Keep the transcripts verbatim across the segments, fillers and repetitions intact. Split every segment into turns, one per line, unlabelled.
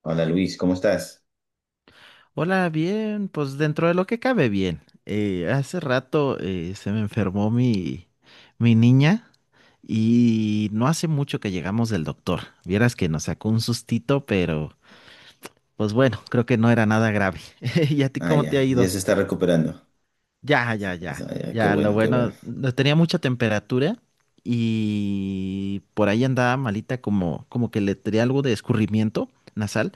Hola Luis, ¿cómo estás?
Hola, bien, pues dentro de lo que cabe bien. Eh, hace rato eh, se me enfermó mi, mi niña y no hace mucho que llegamos del doctor. Vieras que nos sacó un sustito, pero pues bueno, creo que no era nada grave. ¿Y a ti
Ah,
cómo te ha
ya, ya
ido?
se está recuperando.
Ya, ya, ya,
Ah, ya, qué
ya, lo
bueno, qué bueno.
bueno, no tenía mucha temperatura y por ahí andaba malita como, como que le tenía algo de escurrimiento nasal,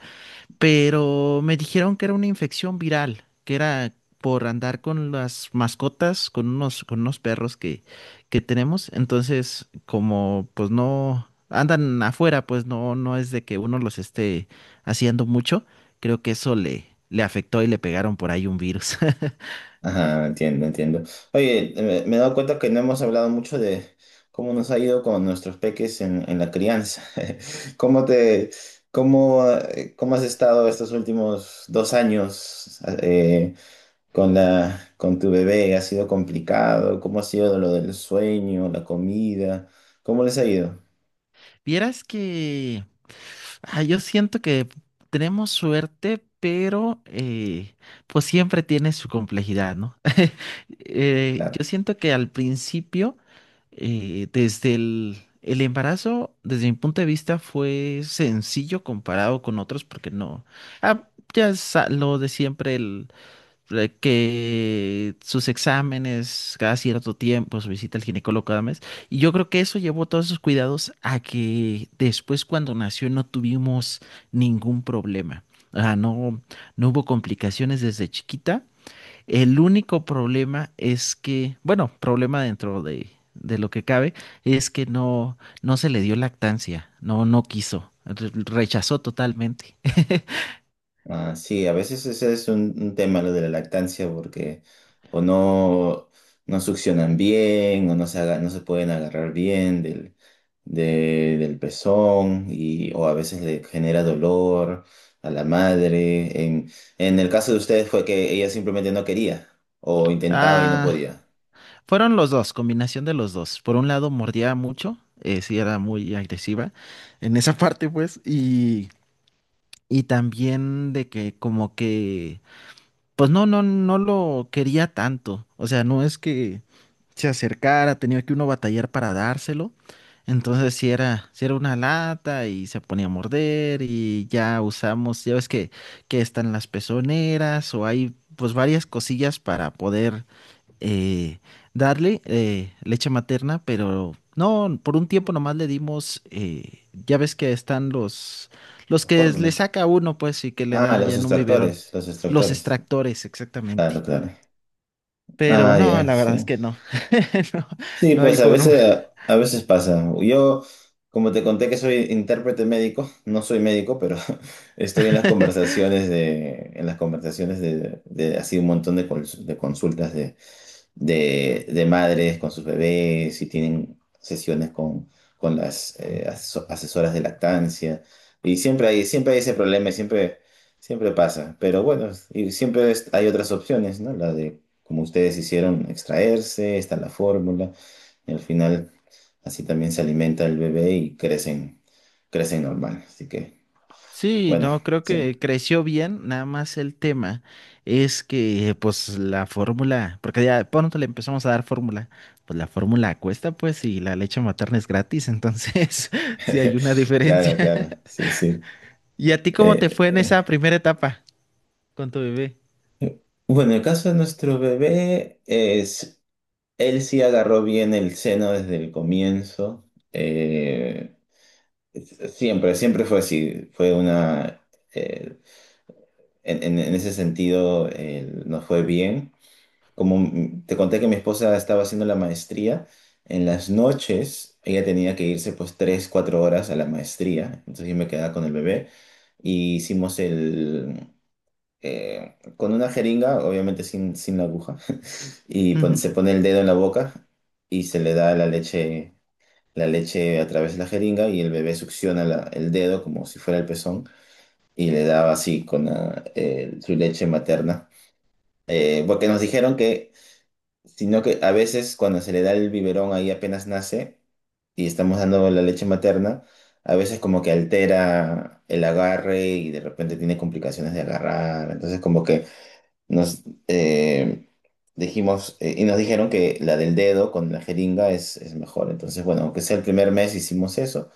pero me dijeron que era una infección viral, que era por andar con las mascotas, con unos, con unos perros que, que tenemos. Entonces, como pues no andan afuera, pues no, no es de que uno los esté haciendo mucho. Creo que eso le, le afectó y le pegaron por ahí un virus.
Ajá, entiendo, entiendo. Oye, eh, me, me he dado cuenta que no hemos hablado mucho de cómo nos ha ido con nuestros peques en, en la crianza. ¿Cómo te, cómo, eh, cómo has estado estos últimos dos años eh, con la, con tu bebé? ¿Ha sido complicado? ¿Cómo ha sido lo del sueño, la comida? ¿Cómo les ha ido?
Vieras que ah, yo siento que tenemos suerte, pero eh, pues siempre tiene su complejidad, ¿no? Eh,
Claro.
yo siento que al principio, eh, desde el, el embarazo, desde mi punto de vista, fue sencillo comparado con otros, porque no. Ah, ya es a- lo de siempre, el, eh, que sus exámenes cada cierto tiempo, su visita al ginecólogo cada mes. Y yo creo que eso llevó todos esos cuidados a que después, cuando nació, no tuvimos ningún problema. Ah, no, no hubo complicaciones desde chiquita. El único problema es que, bueno, problema dentro de, de lo que cabe, es que no, no se le dio lactancia, no, no quiso, re- rechazó totalmente.
Ah, sí, a veces ese es un, un tema lo de la lactancia porque o no, no succionan bien o no se, aga- no se pueden agarrar bien del, de- del pezón y, o a veces le genera dolor a la madre. En, en el caso de ustedes fue que ella simplemente no quería o intentaba y no
Ah,
podía.
Fueron los dos, combinación de los dos. Por un lado, mordía mucho, eh, sí era muy agresiva en esa parte, pues, y, y también de que como que, pues no, no, no lo quería tanto. O sea, no es que se acercara, tenía que uno batallar para dárselo. Entonces si era, si era una lata y se ponía a morder y ya usamos, ya ves que, que están las pezoneras o hay pues varias cosillas para poder eh, darle eh, leche materna, pero no, por un tiempo nomás le dimos, eh, ya ves que están los, los
Las
que le
fórmulas.
saca uno pues y que le
Ah,
da ya
los
en un biberón,
extractores, los
los
extractores.
extractores
Claro,
exactamente.
claro.
Pero
Ah,
no,
ya,
la
sí.
verdad es que no. No,
Sí,
no hay
pues a
forma.
veces, a, a veces pasa. Yo, como te conté que soy intérprete médico, no soy médico, pero estoy en las conversaciones de, en las conversaciones de, de así un montón de, cons- de consultas de, de, de madres con sus bebés y tienen sesiones con, con las eh, aso- asesoras de lactancia. Y siempre hay, siempre hay ese problema, y siempre, siempre pasa. Pero bueno, y siempre es- hay otras opciones, ¿no? La de, como ustedes hicieron, extraerse, está la fórmula. Y al final, así también se alimenta el bebé y crecen, crecen normal. Así que,
Sí,
bueno,
no, creo
sí.
que creció bien, nada más el tema es que pues la fórmula, porque ya pronto le empezamos a dar fórmula, pues la fórmula cuesta pues y la leche materna es gratis, entonces sí hay una
Claro,
diferencia.
claro, sí, sí.
¿Y a ti cómo te
Eh,
fue en
eh,
esa primera etapa con tu bebé?
Bueno, en el caso de nuestro bebé es, él sí agarró bien el seno desde el comienzo. Eh, siempre, siempre fue así. Fue una, eh, en, en- en ese sentido, eh, nos fue bien. Como m- te conté que mi esposa estaba haciendo la maestría, en las noches ella tenía que irse pues tres cuatro horas a la maestría, entonces yo me quedaba con el bebé y hicimos el... eh, con una jeringa, obviamente sin, sin la aguja, y pon- se pone el dedo en la boca y se le da la leche, la leche a través de la jeringa y el bebé succiona la- el dedo como si fuera el pezón y le daba así con la- eh, su leche materna. Eh, porque nos dijeron que sino que a veces cuando se le da el biberón ahí apenas nace y estamos dando la leche materna, a veces como que altera el agarre y de repente tiene complicaciones de agarrar. Entonces como que nos eh, dijimos eh, y nos dijeron que la del dedo con la jeringa es, es mejor. Entonces bueno, aunque sea el primer mes hicimos eso.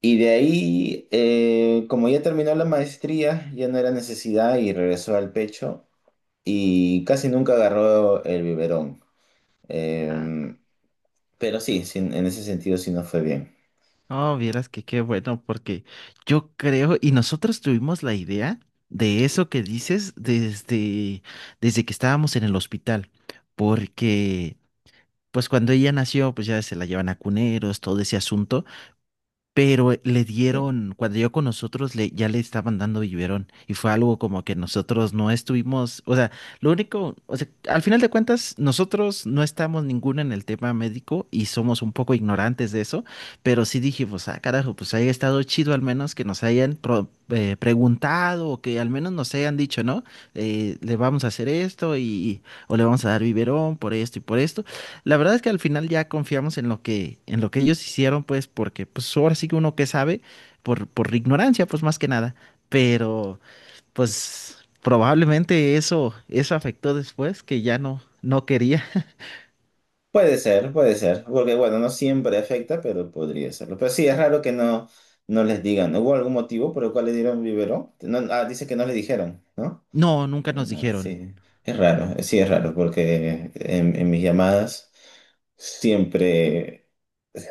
Y de ahí, eh, como ya terminó la maestría, ya no era necesidad y regresó al pecho y casi nunca agarró el biberón.
Ah,
Em, pero sí, sí, en ese sentido sí no fue bien.
oh, vieras que qué bueno, porque yo creo, y nosotros tuvimos la idea de eso que dices desde, desde que estábamos en el hospital, porque pues cuando ella nació, pues ya se la llevan a cuneros, todo ese asunto, pero eh, le
Sí.
dieron, cuando llegó con nosotros, le, ya le estaban dando biberón. Y fue algo como que nosotros no estuvimos, o sea, lo único, o sea, al final de cuentas, nosotros no estamos ninguno en el tema médico y somos un poco ignorantes de eso, pero sí dijimos, ah, carajo, pues haya estado chido al menos que nos hayan pro- eh, preguntado o que al menos nos hayan dicho, ¿no? Eh, le vamos a hacer esto y, o le vamos a dar biberón por esto y por esto. La verdad es que al final ya confiamos en lo que, en lo que ellos hicieron, pues, porque pues ahora sí que uno que sabe, por, por ignorancia, pues más que nada. Pero, pues, probablemente eso, eso afectó después, que ya no, no quería.
Puede ser, puede ser, porque bueno, no siempre afecta, pero podría serlo. Pero sí, es raro que no, no les digan. ¿Hubo algún motivo por el cual le dieron biberón? No, ah, dice que no le dijeron, ¿no?
No, nunca nos
Ah,
dijeron.
sí, es raro, eh, sí es raro porque en, en mis llamadas siempre,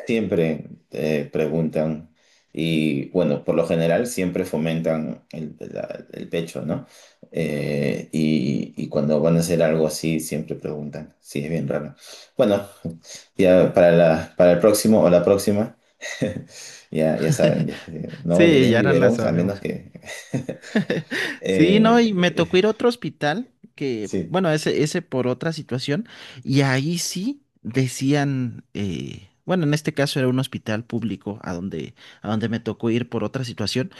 siempre eh, preguntan y bueno, por lo general siempre fomentan el, la- el pecho, ¿no? Eh, y, y cuando van a hacer algo así siempre preguntan, sí, es bien raro. Bueno, ya para la, para el próximo o la próxima, ya, ya saben, ya, eh, no le
Sí,
den
ya no la
biberón a menos
sabemos.
que...
Sí, no, y me
Eh,
tocó ir a otro hospital, que,
sí,
bueno, ese, ese por otra situación, y ahí sí decían, eh, bueno, en este caso era un hospital público a donde, a donde me tocó ir por otra situación,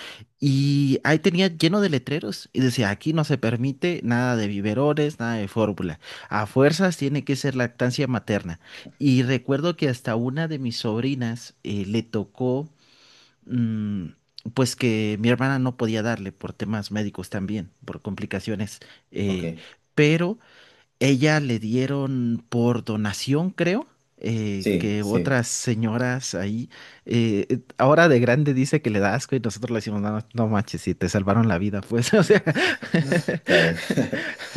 y ahí tenía lleno de letreros, y decía, aquí no se permite nada de biberones, nada de fórmula, a fuerzas tiene que ser lactancia materna. Y recuerdo que hasta una de mis sobrinas eh, le tocó mm, pues que mi hermana no podía darle por temas médicos también, por complicaciones,
ok.
eh, pero ella le dieron por donación, creo. Eh,
Sí,
que
sí.
otras señoras ahí, eh, eh, ahora de grande dice que le da asco y nosotros le decimos, no, no manches, si te salvaron la vida, pues, o sea,
Claro.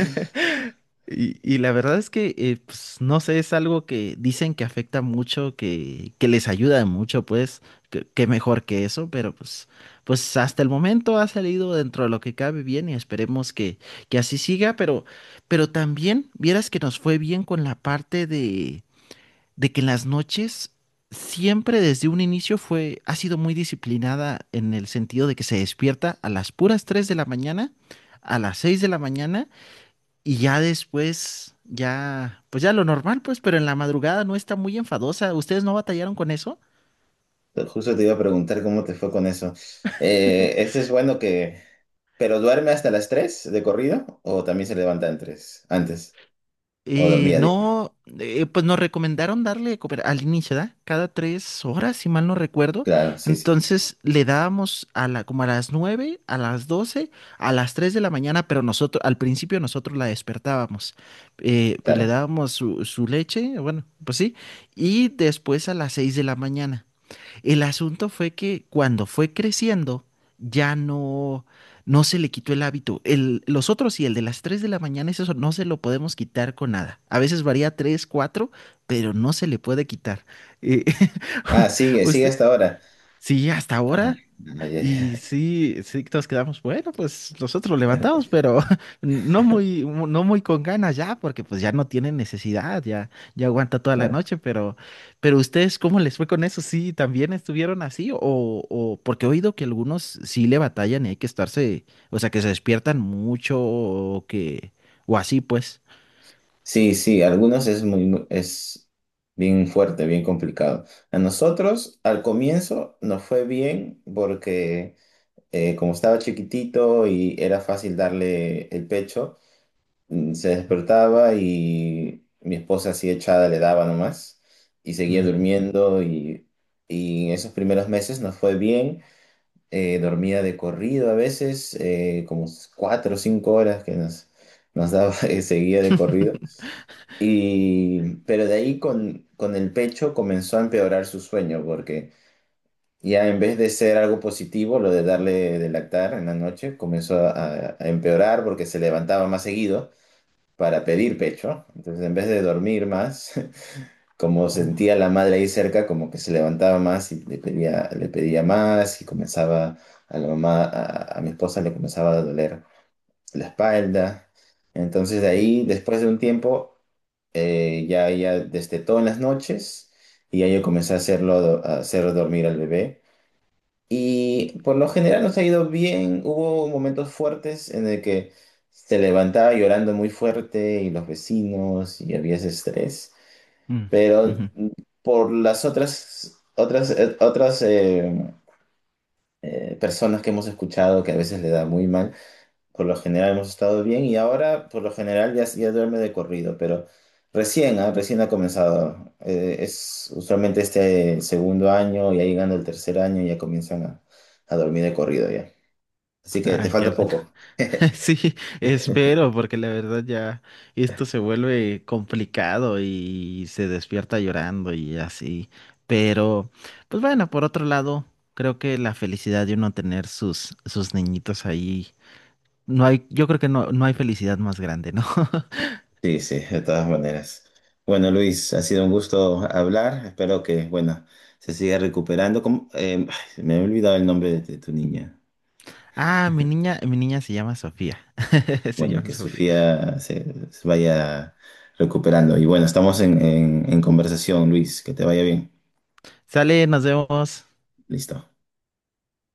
Y, y la verdad es que, eh, pues, no sé, es algo que dicen que afecta mucho, que, que les ayuda mucho, pues, que, que mejor que eso, pero pues, pues hasta el momento ha salido dentro de lo que cabe bien y esperemos que, que así siga, pero, pero también vieras que nos fue bien con la parte de, de que en las noches siempre desde un inicio fue, ha sido muy disciplinada en el sentido de que se despierta a las puras tres de la mañana, a las seis de la mañana y ya después, ya, pues ya lo normal, pues, pero en la madrugada no está muy enfadosa. ¿Ustedes no batallaron con eso?
Justo te iba a preguntar cómo te fue con eso. Eh, este es bueno que... ¿Pero duerme hasta las tres de corrido? ¿O también se levanta en tres Antes. ¿O
Eh,
dormía, digo?
no, eh, pues nos recomendaron darle de comer al inicio, ¿da? Cada tres horas, si mal no recuerdo.
Claro, sí, sí.
Entonces le dábamos a la, como a las nueve, a las doce, a las tres de la mañana, pero nosotros, al principio nosotros la despertábamos. Eh, pues, le
Claro.
dábamos su, su leche, bueno, pues sí, y después a las seis de la mañana. El asunto fue que cuando fue creciendo, ya no, no se le quitó el hábito. El, los otros y el de las tres de la mañana, es eso no se lo podemos quitar con nada. A veces varía tres cuatro, pero no se le puede quitar. Eh,
Ah, sigue, sigue
usted,
hasta ahora.
sí, hasta
Ah,
ahora.
ya, ya,
Y
ya,
sí, sí, todos quedamos, bueno, pues nosotros lo levantamos, pero no muy, no muy con ganas ya, porque pues ya no tienen necesidad, ya, ya aguanta toda la
claro.
noche, pero, pero ustedes, ¿cómo les fue con eso? ¿Sí también estuvieron así? O, o porque he oído que algunos sí le batallan y hay que estarse, o sea, que se despiertan mucho o que, o así pues.
Sí, sí, algunos es muy, muy- es bien fuerte, bien complicado. A nosotros, al comienzo, nos fue bien porque eh, como estaba chiquitito y era fácil darle el pecho, mm, se despertaba y mi esposa así echada le daba nomás y seguía
Mm.
durmiendo y, y en esos primeros meses nos fue bien. Eh, dormía de corrido a veces, eh, como cuatro o cinco horas que nos, nos daba, eh, seguía de corrido. Y, pero de ahí con, con el pecho comenzó a empeorar su sueño porque ya en vez de ser algo positivo, lo de darle de lactar en la noche comenzó a, a empeorar porque se levantaba más seguido para pedir pecho. Entonces, en vez de dormir más, como
Oh,
sentía la madre ahí cerca, como que se levantaba más y le pedía, le pedía más y comenzaba a la mamá, a, a mi esposa le comenzaba a doler la espalda. Entonces, de ahí, después de un tiempo, eh, ya, ya destetó en las noches y ya yo comencé a hacerlo, a hacer dormir al bebé. Y por lo general nos ha ido bien. Hubo momentos fuertes en el que se levantaba llorando muy fuerte y los vecinos y había ese estrés.
mm,
Pero
ujú.
por las otras, otras, eh, otras eh, eh, personas que hemos escuchado que a veces le da muy mal, por lo general hemos estado bien y ahora por lo general ya, ya duerme de corrido, pero recién, ah, recién ha comenzado. Eh, es usualmente este segundo año, ya llegando el tercer año, ya comienzan a, a dormir de corrido ya. Así que te
Ay, qué
falta
bueno.
poco.
Sí, espero, porque la verdad ya esto se vuelve complicado y se despierta llorando y así. Pero, pues bueno, por otro lado, creo que la felicidad de uno tener sus, sus niñitos ahí, no hay, yo creo que no, no hay felicidad más grande, ¿no?
Sí, sí, de todas maneras. Bueno, Luis, ha sido un gusto hablar. Espero que, bueno, se siga recuperando. ¿Cómo? Eh, ay, me he olvidado el nombre de, de tu niña.
Ah, mi niña, mi niña se llama Sofía. Se
Bueno,
llama
que
Sofía.
Sofía se, se vaya recuperando. Y bueno, estamos en, en en conversación, Luis. Que te vaya bien.
Sale, nos vemos.
Listo.